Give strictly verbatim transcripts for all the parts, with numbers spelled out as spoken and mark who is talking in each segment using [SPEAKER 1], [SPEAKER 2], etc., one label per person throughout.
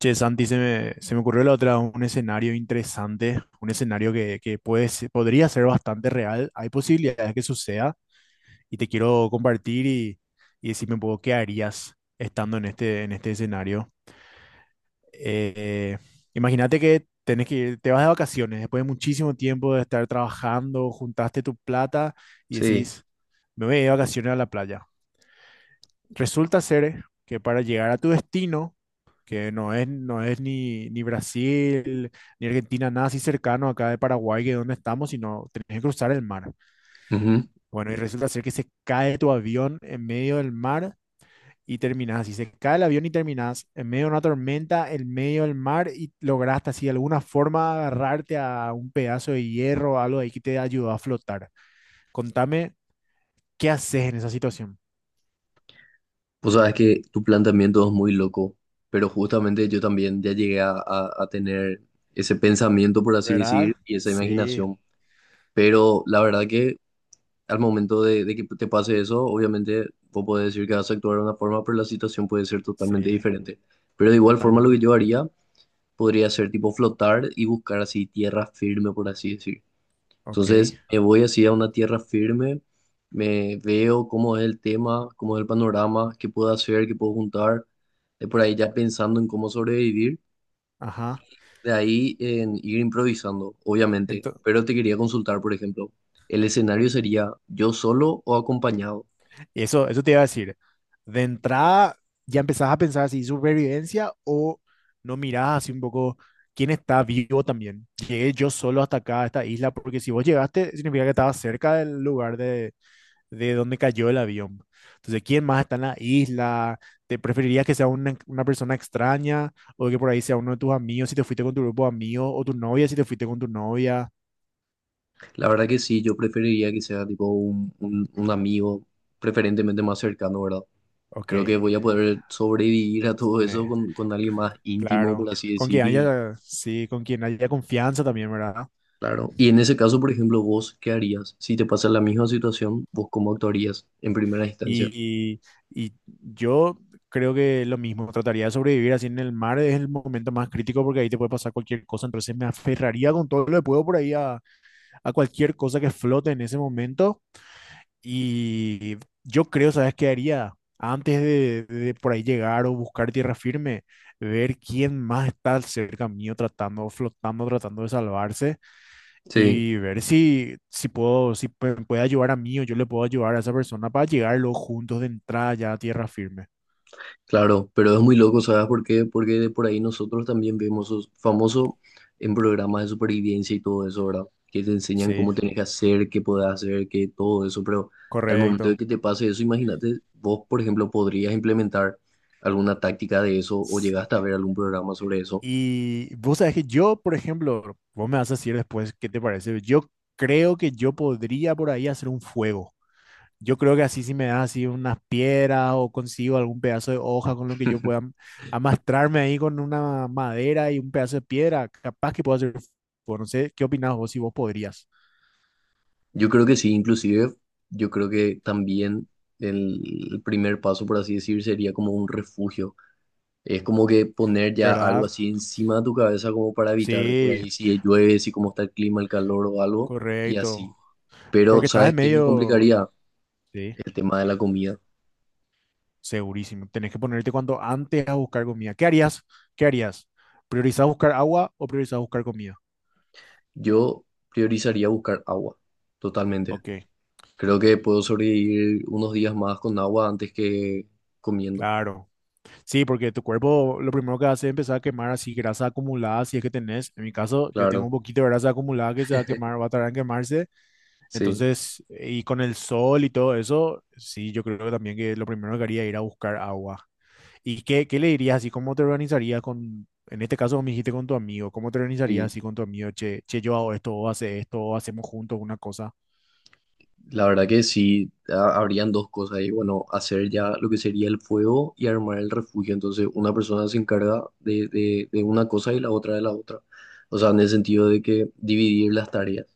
[SPEAKER 1] Che, Santi, se me, se me ocurrió la otra, un escenario interesante, un escenario que, que puede, se- podría ser bastante real. Hay posibilidades que suceda y te quiero compartir y, y decirme un poco qué harías estando en este, en este escenario. Eh, Imagínate que tenés que ir- te vas de vacaciones después de muchísimo tiempo de estar trabajando, juntaste tu plata y
[SPEAKER 2] Sí.
[SPEAKER 1] decís, me voy de vacaciones a la playa. Resulta ser que para llegar a tu destino, que no es, no es ni, ni Brasil, ni Argentina, nada así cercano acá de Paraguay, que es donde estamos, sino tenés que cruzar el mar.
[SPEAKER 2] Ujú.
[SPEAKER 1] Bueno, y resulta ser que se cae tu avión en medio del mar y terminás así. Se cae el avión y terminás en medio de una tormenta, en medio del mar y lograste así de alguna forma agarrarte a un pedazo de hierro o algo ahí que te ayudó a flotar. Contame, ¿qué haces en esa situación?
[SPEAKER 2] Vos sabés que tu planteamiento es muy loco, pero justamente yo también ya llegué a, a- a tener ese pensamiento, por así
[SPEAKER 1] ¿Verdad?
[SPEAKER 2] decir, y esa
[SPEAKER 1] Sí,
[SPEAKER 2] imaginación. Pero la verdad que al momento de, de que te pase eso, obviamente vos podés decir que vas a actuar de una forma, pero la situación puede ser totalmente
[SPEAKER 1] sí,
[SPEAKER 2] diferente. Pero de igual forma lo que
[SPEAKER 1] totalmente.
[SPEAKER 2] yo haría podría ser tipo flotar y buscar así tierra firme, por así decir.
[SPEAKER 1] Ok,
[SPEAKER 2] Entonces me voy así a una tierra firme, me veo cómo es el tema, cómo es el panorama, qué puedo hacer, qué puedo juntar, de por ahí ya pensando en cómo sobrevivir,
[SPEAKER 1] ajá.
[SPEAKER 2] de ahí en ir improvisando, obviamente.
[SPEAKER 1] Ento-
[SPEAKER 2] Pero te quería consultar, por ejemplo, ¿el escenario sería yo solo o acompañado?
[SPEAKER 1] Eso, eso te iba a decir. De entrada, ya empezás a pensar si supervivencia o no mirás así un poco quién está vivo también. Llegué yo solo hasta acá, a esta isla, porque si vos llegaste, significa que estabas cerca del lugar de, de donde cayó el avión. Entonces, ¿quién más está en la isla? ¿Te preferirías que sea una, una persona extraña o que por ahí sea uno de tus amigos si te fuiste con tu grupo de amigos o tu novia si te fuiste con tu novia?
[SPEAKER 2] La verdad que sí, yo preferiría que sea tipo un, un, un amigo, preferentemente más cercano, ¿verdad?
[SPEAKER 1] Ok,
[SPEAKER 2] Creo que
[SPEAKER 1] eh,
[SPEAKER 2] voy a poder sobrevivir a todo eso con, con alguien más íntimo, por
[SPEAKER 1] claro.
[SPEAKER 2] así
[SPEAKER 1] Con
[SPEAKER 2] decir,
[SPEAKER 1] quien
[SPEAKER 2] y
[SPEAKER 1] haya, sí, con quien haya confianza también, ¿verdad?
[SPEAKER 2] Claro. Y en ese caso, por ejemplo, vos, ¿qué harías? Si te pasa la misma situación, ¿vos cómo actuarías en primera instancia?
[SPEAKER 1] Y, y- y yo creo que lo mismo, trataría de sobrevivir así en el mar, es el momento más crítico porque ahí te puede pasar cualquier cosa, entonces me aferraría con todo lo que puedo por ahí a, a cualquier cosa que flote en ese momento y yo creo, ¿sabes qué haría? Antes de, de por ahí llegar o buscar tierra firme, ver quién más está cerca mío tratando, flotando, tratando de salvarse
[SPEAKER 2] Sí,
[SPEAKER 1] y ver si, si puedo, si pu- puede ayudar a mí o yo le puedo ayudar a esa persona para llegar los juntos de entrada ya a tierra firme.
[SPEAKER 2] claro, pero es muy loco, ¿sabes por qué? Porque de por ahí nosotros también vemos os- famoso en programas de supervivencia y todo eso, ¿verdad? Que te enseñan
[SPEAKER 1] Sí,
[SPEAKER 2] cómo tenés que hacer, qué podés hacer, qué todo eso, pero al momento de
[SPEAKER 1] correcto.
[SPEAKER 2] que te pase eso, imagínate, vos, por ejemplo, podrías implementar alguna táctica de eso o
[SPEAKER 1] S-
[SPEAKER 2] llegaste a ver algún programa sobre eso.
[SPEAKER 1] Y vos sabés que yo, por ejemplo, vos me vas a decir después qué te parece. Yo creo que Yo podría por ahí hacer un fuego. Yo creo que así si me das así unas piedras o consigo algún pedazo de hoja con lo que yo pueda am- amastrarme ahí con una madera y un pedazo de piedra, capaz que puedo hacer fuego. No sé, ¿qué opinás vos si vos podrías?
[SPEAKER 2] Yo creo que sí, inclusive yo creo que también el primer paso, por así decir, sería como un refugio. Es como que poner ya algo
[SPEAKER 1] ¿Verdad?
[SPEAKER 2] así encima de tu cabeza como para evitar de por
[SPEAKER 1] Sí,
[SPEAKER 2] ahí si llueve, si cómo está el clima, el calor o algo, y
[SPEAKER 1] correcto.
[SPEAKER 2] así. Pero,
[SPEAKER 1] Porque estás en
[SPEAKER 2] ¿sabes qué me
[SPEAKER 1] medio,
[SPEAKER 2] complicaría?
[SPEAKER 1] sí,
[SPEAKER 2] El tema de la comida.
[SPEAKER 1] segurísimo. Tenés que ponerte cuanto antes a buscar comida. ¿Qué harías? ¿Qué harías? ¿Priorizás buscar agua o priorizás buscar comida?
[SPEAKER 2] Yo priorizaría buscar agua, totalmente.
[SPEAKER 1] Ok,
[SPEAKER 2] Creo que puedo sobrevivir unos días más con agua antes que comiendo.
[SPEAKER 1] claro. Sí, porque tu cuerpo lo primero que hace es empezar a quemar así grasa acumulada, si es que tenés. En mi caso, yo tengo
[SPEAKER 2] Claro,
[SPEAKER 1] un poquito de grasa acumulada que se va a quemar, va a tardar en quemarse.
[SPEAKER 2] sí.
[SPEAKER 1] Entonces, y con el sol y todo eso, sí, yo creo que también que lo primero que haría es ir a buscar agua. ¿Y qué, qué le dirías así? ¿Cómo te organizarías con, en este caso me dijiste con tu amigo, ¿cómo te organizarías
[SPEAKER 2] Y.
[SPEAKER 1] así con tu amigo? Che, che, yo hago esto, o hace esto, o hacemos juntos una cosa.
[SPEAKER 2] La verdad que sí, ha- habrían dos cosas ahí. Bueno, hacer ya lo que sería el fuego y armar el refugio. Entonces, una persona se encarga de, de, de una cosa y la otra de la otra. O sea, en el sentido de que dividir las tareas.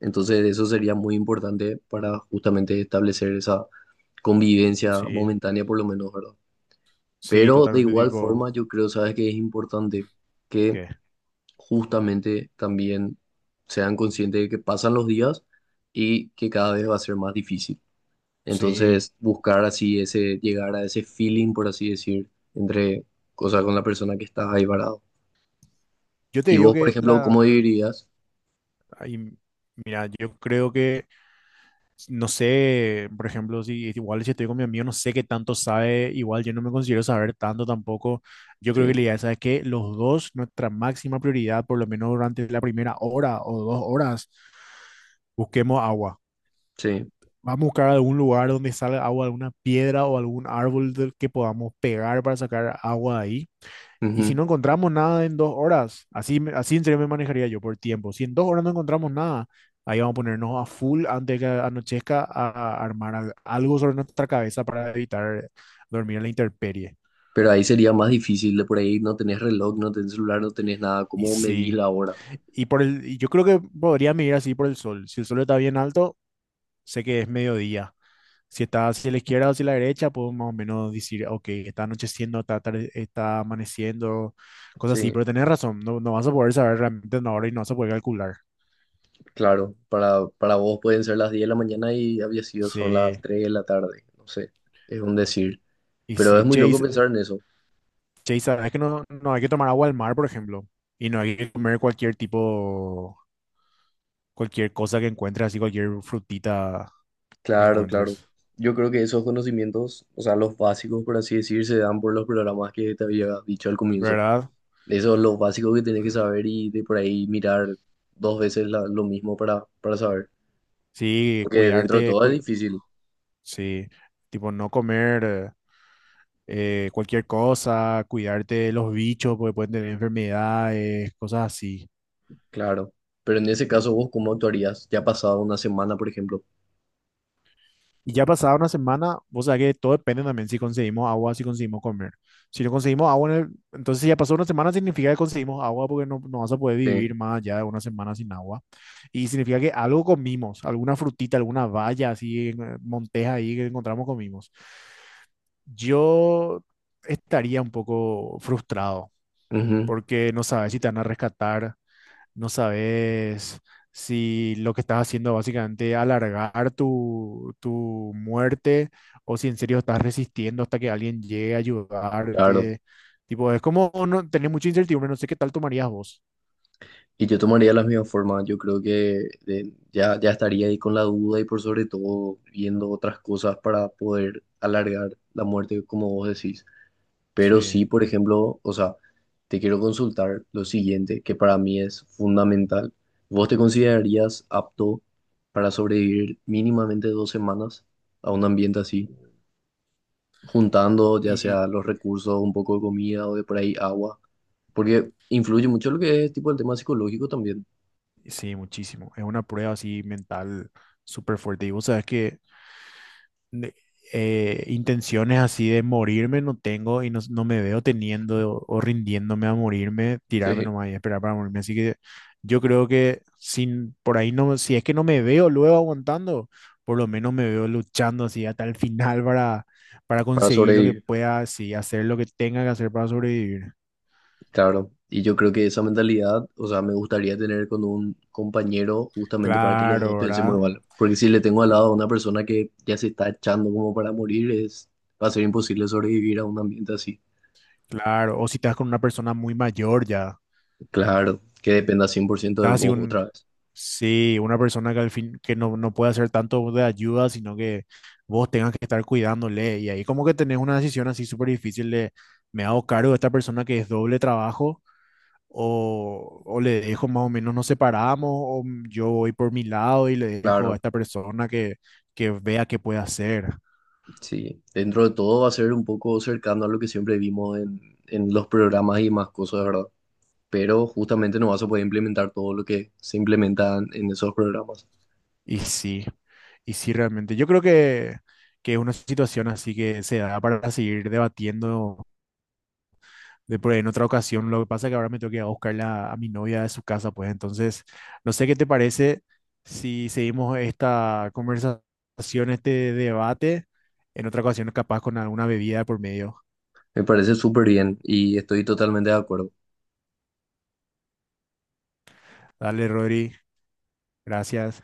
[SPEAKER 2] Entonces, eso sería muy importante para justamente establecer esa convivencia
[SPEAKER 1] Sí,
[SPEAKER 2] momentánea, por lo menos, ¿verdad?
[SPEAKER 1] sí,
[SPEAKER 2] Pero de
[SPEAKER 1] totalmente
[SPEAKER 2] igual forma,
[SPEAKER 1] tipo,
[SPEAKER 2] yo creo, sabes que es importante que
[SPEAKER 1] ¿qué?
[SPEAKER 2] justamente también sean conscientes de que pasan los días y que cada vez va a ser más difícil.
[SPEAKER 1] Sí.
[SPEAKER 2] Entonces, buscar así ese, llegar a ese feeling, por así decir, entre, o sea, con la persona que estás ahí parado.
[SPEAKER 1] Yo te
[SPEAKER 2] Y
[SPEAKER 1] digo
[SPEAKER 2] vos, por
[SPEAKER 1] que
[SPEAKER 2] ejemplo,
[SPEAKER 1] la,
[SPEAKER 2] ¿cómo dirías?
[SPEAKER 1] ahí, mira, yo creo que, no sé, por ejemplo, si igual si estoy con mi amigo, no sé qué tanto sabe, igual yo no me considero saber tanto tampoco. Yo creo
[SPEAKER 2] Sí,
[SPEAKER 1] que la idea es que los dos, nuestra máxima prioridad, por lo menos durante la primera hora o dos horas, busquemos agua.
[SPEAKER 2] sí.
[SPEAKER 1] Vamos a buscar algún lugar donde salga agua, alguna piedra o algún árbol del que podamos pegar para sacar agua de ahí. Y si
[SPEAKER 2] ujú.
[SPEAKER 1] no encontramos nada en dos horas, así, me- así en serio me manejaría yo por tiempo. Si en dos horas no encontramos nada, ahí vamos a ponernos a full antes de que anochezca a, a armar al- algo sobre nuestra cabeza para evitar dormir en la intemperie.
[SPEAKER 2] Pero ahí sería más difícil, de por ahí no tenés reloj, no tenés celular, no tenés nada.
[SPEAKER 1] Y
[SPEAKER 2] ¿Cómo medís
[SPEAKER 1] sí,
[SPEAKER 2] la hora?
[SPEAKER 1] y por el, y yo creo que podría medir así por el sol. Si el sol está bien alto, sé que es mediodía. Si está hacia la izquierda o hacia la derecha, puedo más o menos decir, ok, está anocheciendo, está, atarde- está amaneciendo, cosas así.
[SPEAKER 2] Sí,
[SPEAKER 1] Pero tenés razón, no, no vas a poder saber realmente una hora y no vas a poder calcular.
[SPEAKER 2] claro. Para, para vos pueden ser las diez de la mañana y había sido son las
[SPEAKER 1] Sí.
[SPEAKER 2] tres de la tarde. No sé, es un decir.
[SPEAKER 1] Y
[SPEAKER 2] Pero es
[SPEAKER 1] si
[SPEAKER 2] muy loco
[SPEAKER 1] Chase,
[SPEAKER 2] pensar en eso.
[SPEAKER 1] Chase, sabes que no, no hay que tomar agua al mar, por ejemplo, y no hay que comer cualquier tipo, cualquier cosa que encuentres, así cualquier frutita que
[SPEAKER 2] Claro, claro.
[SPEAKER 1] encuentres,
[SPEAKER 2] Yo creo que esos conocimientos, o sea, los básicos, por así decir, se dan por los programas que te había dicho al comienzo.
[SPEAKER 1] ¿verdad?
[SPEAKER 2] Eso es lo básico que tenés que saber y de por ahí mirar dos veces la- lo mismo para, para saber.
[SPEAKER 1] Sí,
[SPEAKER 2] Porque dentro de
[SPEAKER 1] cuidarte,
[SPEAKER 2] todo es
[SPEAKER 1] cu-
[SPEAKER 2] difícil,
[SPEAKER 1] sí, tipo no comer. Eh, eh, cualquier cosa, cuidarte de los bichos porque pueden tener enfermedades, cosas así.
[SPEAKER 2] claro. Pero en ese caso, ¿vos cómo actuarías? Ya ha pasado una semana, por ejemplo.
[SPEAKER 1] Y ya pasada una semana, vos sabés que todo depende también si conseguimos agua, si conseguimos comer. Si no conseguimos agua, en el- entonces si ya pasó una semana significa que conseguimos agua porque no, no vas a poder
[SPEAKER 2] Sí.
[SPEAKER 1] vivir más allá de una semana sin agua. Y significa que algo comimos, alguna frutita, alguna valla así, en, eh, monteja ahí que encontramos comimos. Yo estaría un poco frustrado
[SPEAKER 2] Ujú,
[SPEAKER 1] porque no sabes si te van a rescatar. No sabes si lo que estás haciendo básicamente alargar tu, tu muerte o si en serio estás resistiendo hasta que alguien llegue a
[SPEAKER 2] claro.
[SPEAKER 1] ayudarte. Tipo, es como no, tener mucha incertidumbre, no sé qué tal tomarías vos.
[SPEAKER 2] Y yo tomaría la misma forma. Yo creo que eh, ya, ya estaría ahí con la duda y por sobre todo viendo otras cosas para poder alargar la muerte, como vos decís. Pero sí,
[SPEAKER 1] Sí.
[SPEAKER 2] por ejemplo, o sea, te quiero consultar lo siguiente, que para mí es fundamental. ¿Vos te considerarías apto para sobrevivir mínimamente dos semanas a un ambiente así, juntando ya
[SPEAKER 1] Y
[SPEAKER 2] sea los recursos, un poco de comida o de por ahí agua? Porque influye mucho lo que es tipo el tema psicológico también,
[SPEAKER 1] sí, muchísimo. Es una prueba así mental súper fuerte. Y vos sabes que de- eh, intenciones así de morirme no tengo y no, no me veo teniendo o, o rindiéndome a morirme, tirarme
[SPEAKER 2] sí,
[SPEAKER 1] nomás y esperar para morirme. Así que yo creo que sin, por ahí no, si es que no me veo luego aguantando, por lo menos me veo luchando así hasta el final para, para
[SPEAKER 2] para
[SPEAKER 1] conseguir lo que
[SPEAKER 2] sobrevivir.
[SPEAKER 1] pueda, así, hacer lo que tenga que hacer para sobrevivir.
[SPEAKER 2] Claro, y yo creo que esa mentalidad, o sea, me gustaría tener con un compañero justamente para que los dos
[SPEAKER 1] Claro,
[SPEAKER 2] pensemos
[SPEAKER 1] ¿verdad?
[SPEAKER 2] igual. Porque si le tengo al lado a una persona que ya se está echando como para morir, es, va a ser imposible sobrevivir a un ambiente así.
[SPEAKER 1] Claro. O si estás con una persona muy mayor ya.
[SPEAKER 2] Claro, que dependa cien por ciento de
[SPEAKER 1] Estás así
[SPEAKER 2] vos
[SPEAKER 1] un,
[SPEAKER 2] otra vez.
[SPEAKER 1] sí, una persona que al fin, que no, no puede hacer tanto de ayuda, sino que vos tengas que estar cuidándole. Y ahí como que tenés una decisión así súper difícil de, ¿me hago cargo de esta persona que es doble trabajo? O, o le dejo más o menos, nos separamos, o yo voy por mi lado y le dejo a
[SPEAKER 2] Claro,
[SPEAKER 1] esta persona que, que vea qué puede hacer.
[SPEAKER 2] sí. Dentro de todo va a ser un poco cercano a lo que siempre vimos en, en los programas y más cosas, ¿verdad? Pero justamente no vas a poder implementar todo lo que se implementa en esos programas.
[SPEAKER 1] Y sí, y sí realmente. Yo creo que, que es una situación así que se da para seguir debatiendo de por ahí en otra ocasión. Lo que pasa es que ahora me tengo que ir a buscarla a mi novia de su casa, pues entonces, no sé qué te parece si seguimos esta conversación, este debate en otra ocasión, capaz con alguna bebida por medio.
[SPEAKER 2] Me parece súper bien y estoy totalmente de acuerdo.
[SPEAKER 1] Dale, Rodri, gracias.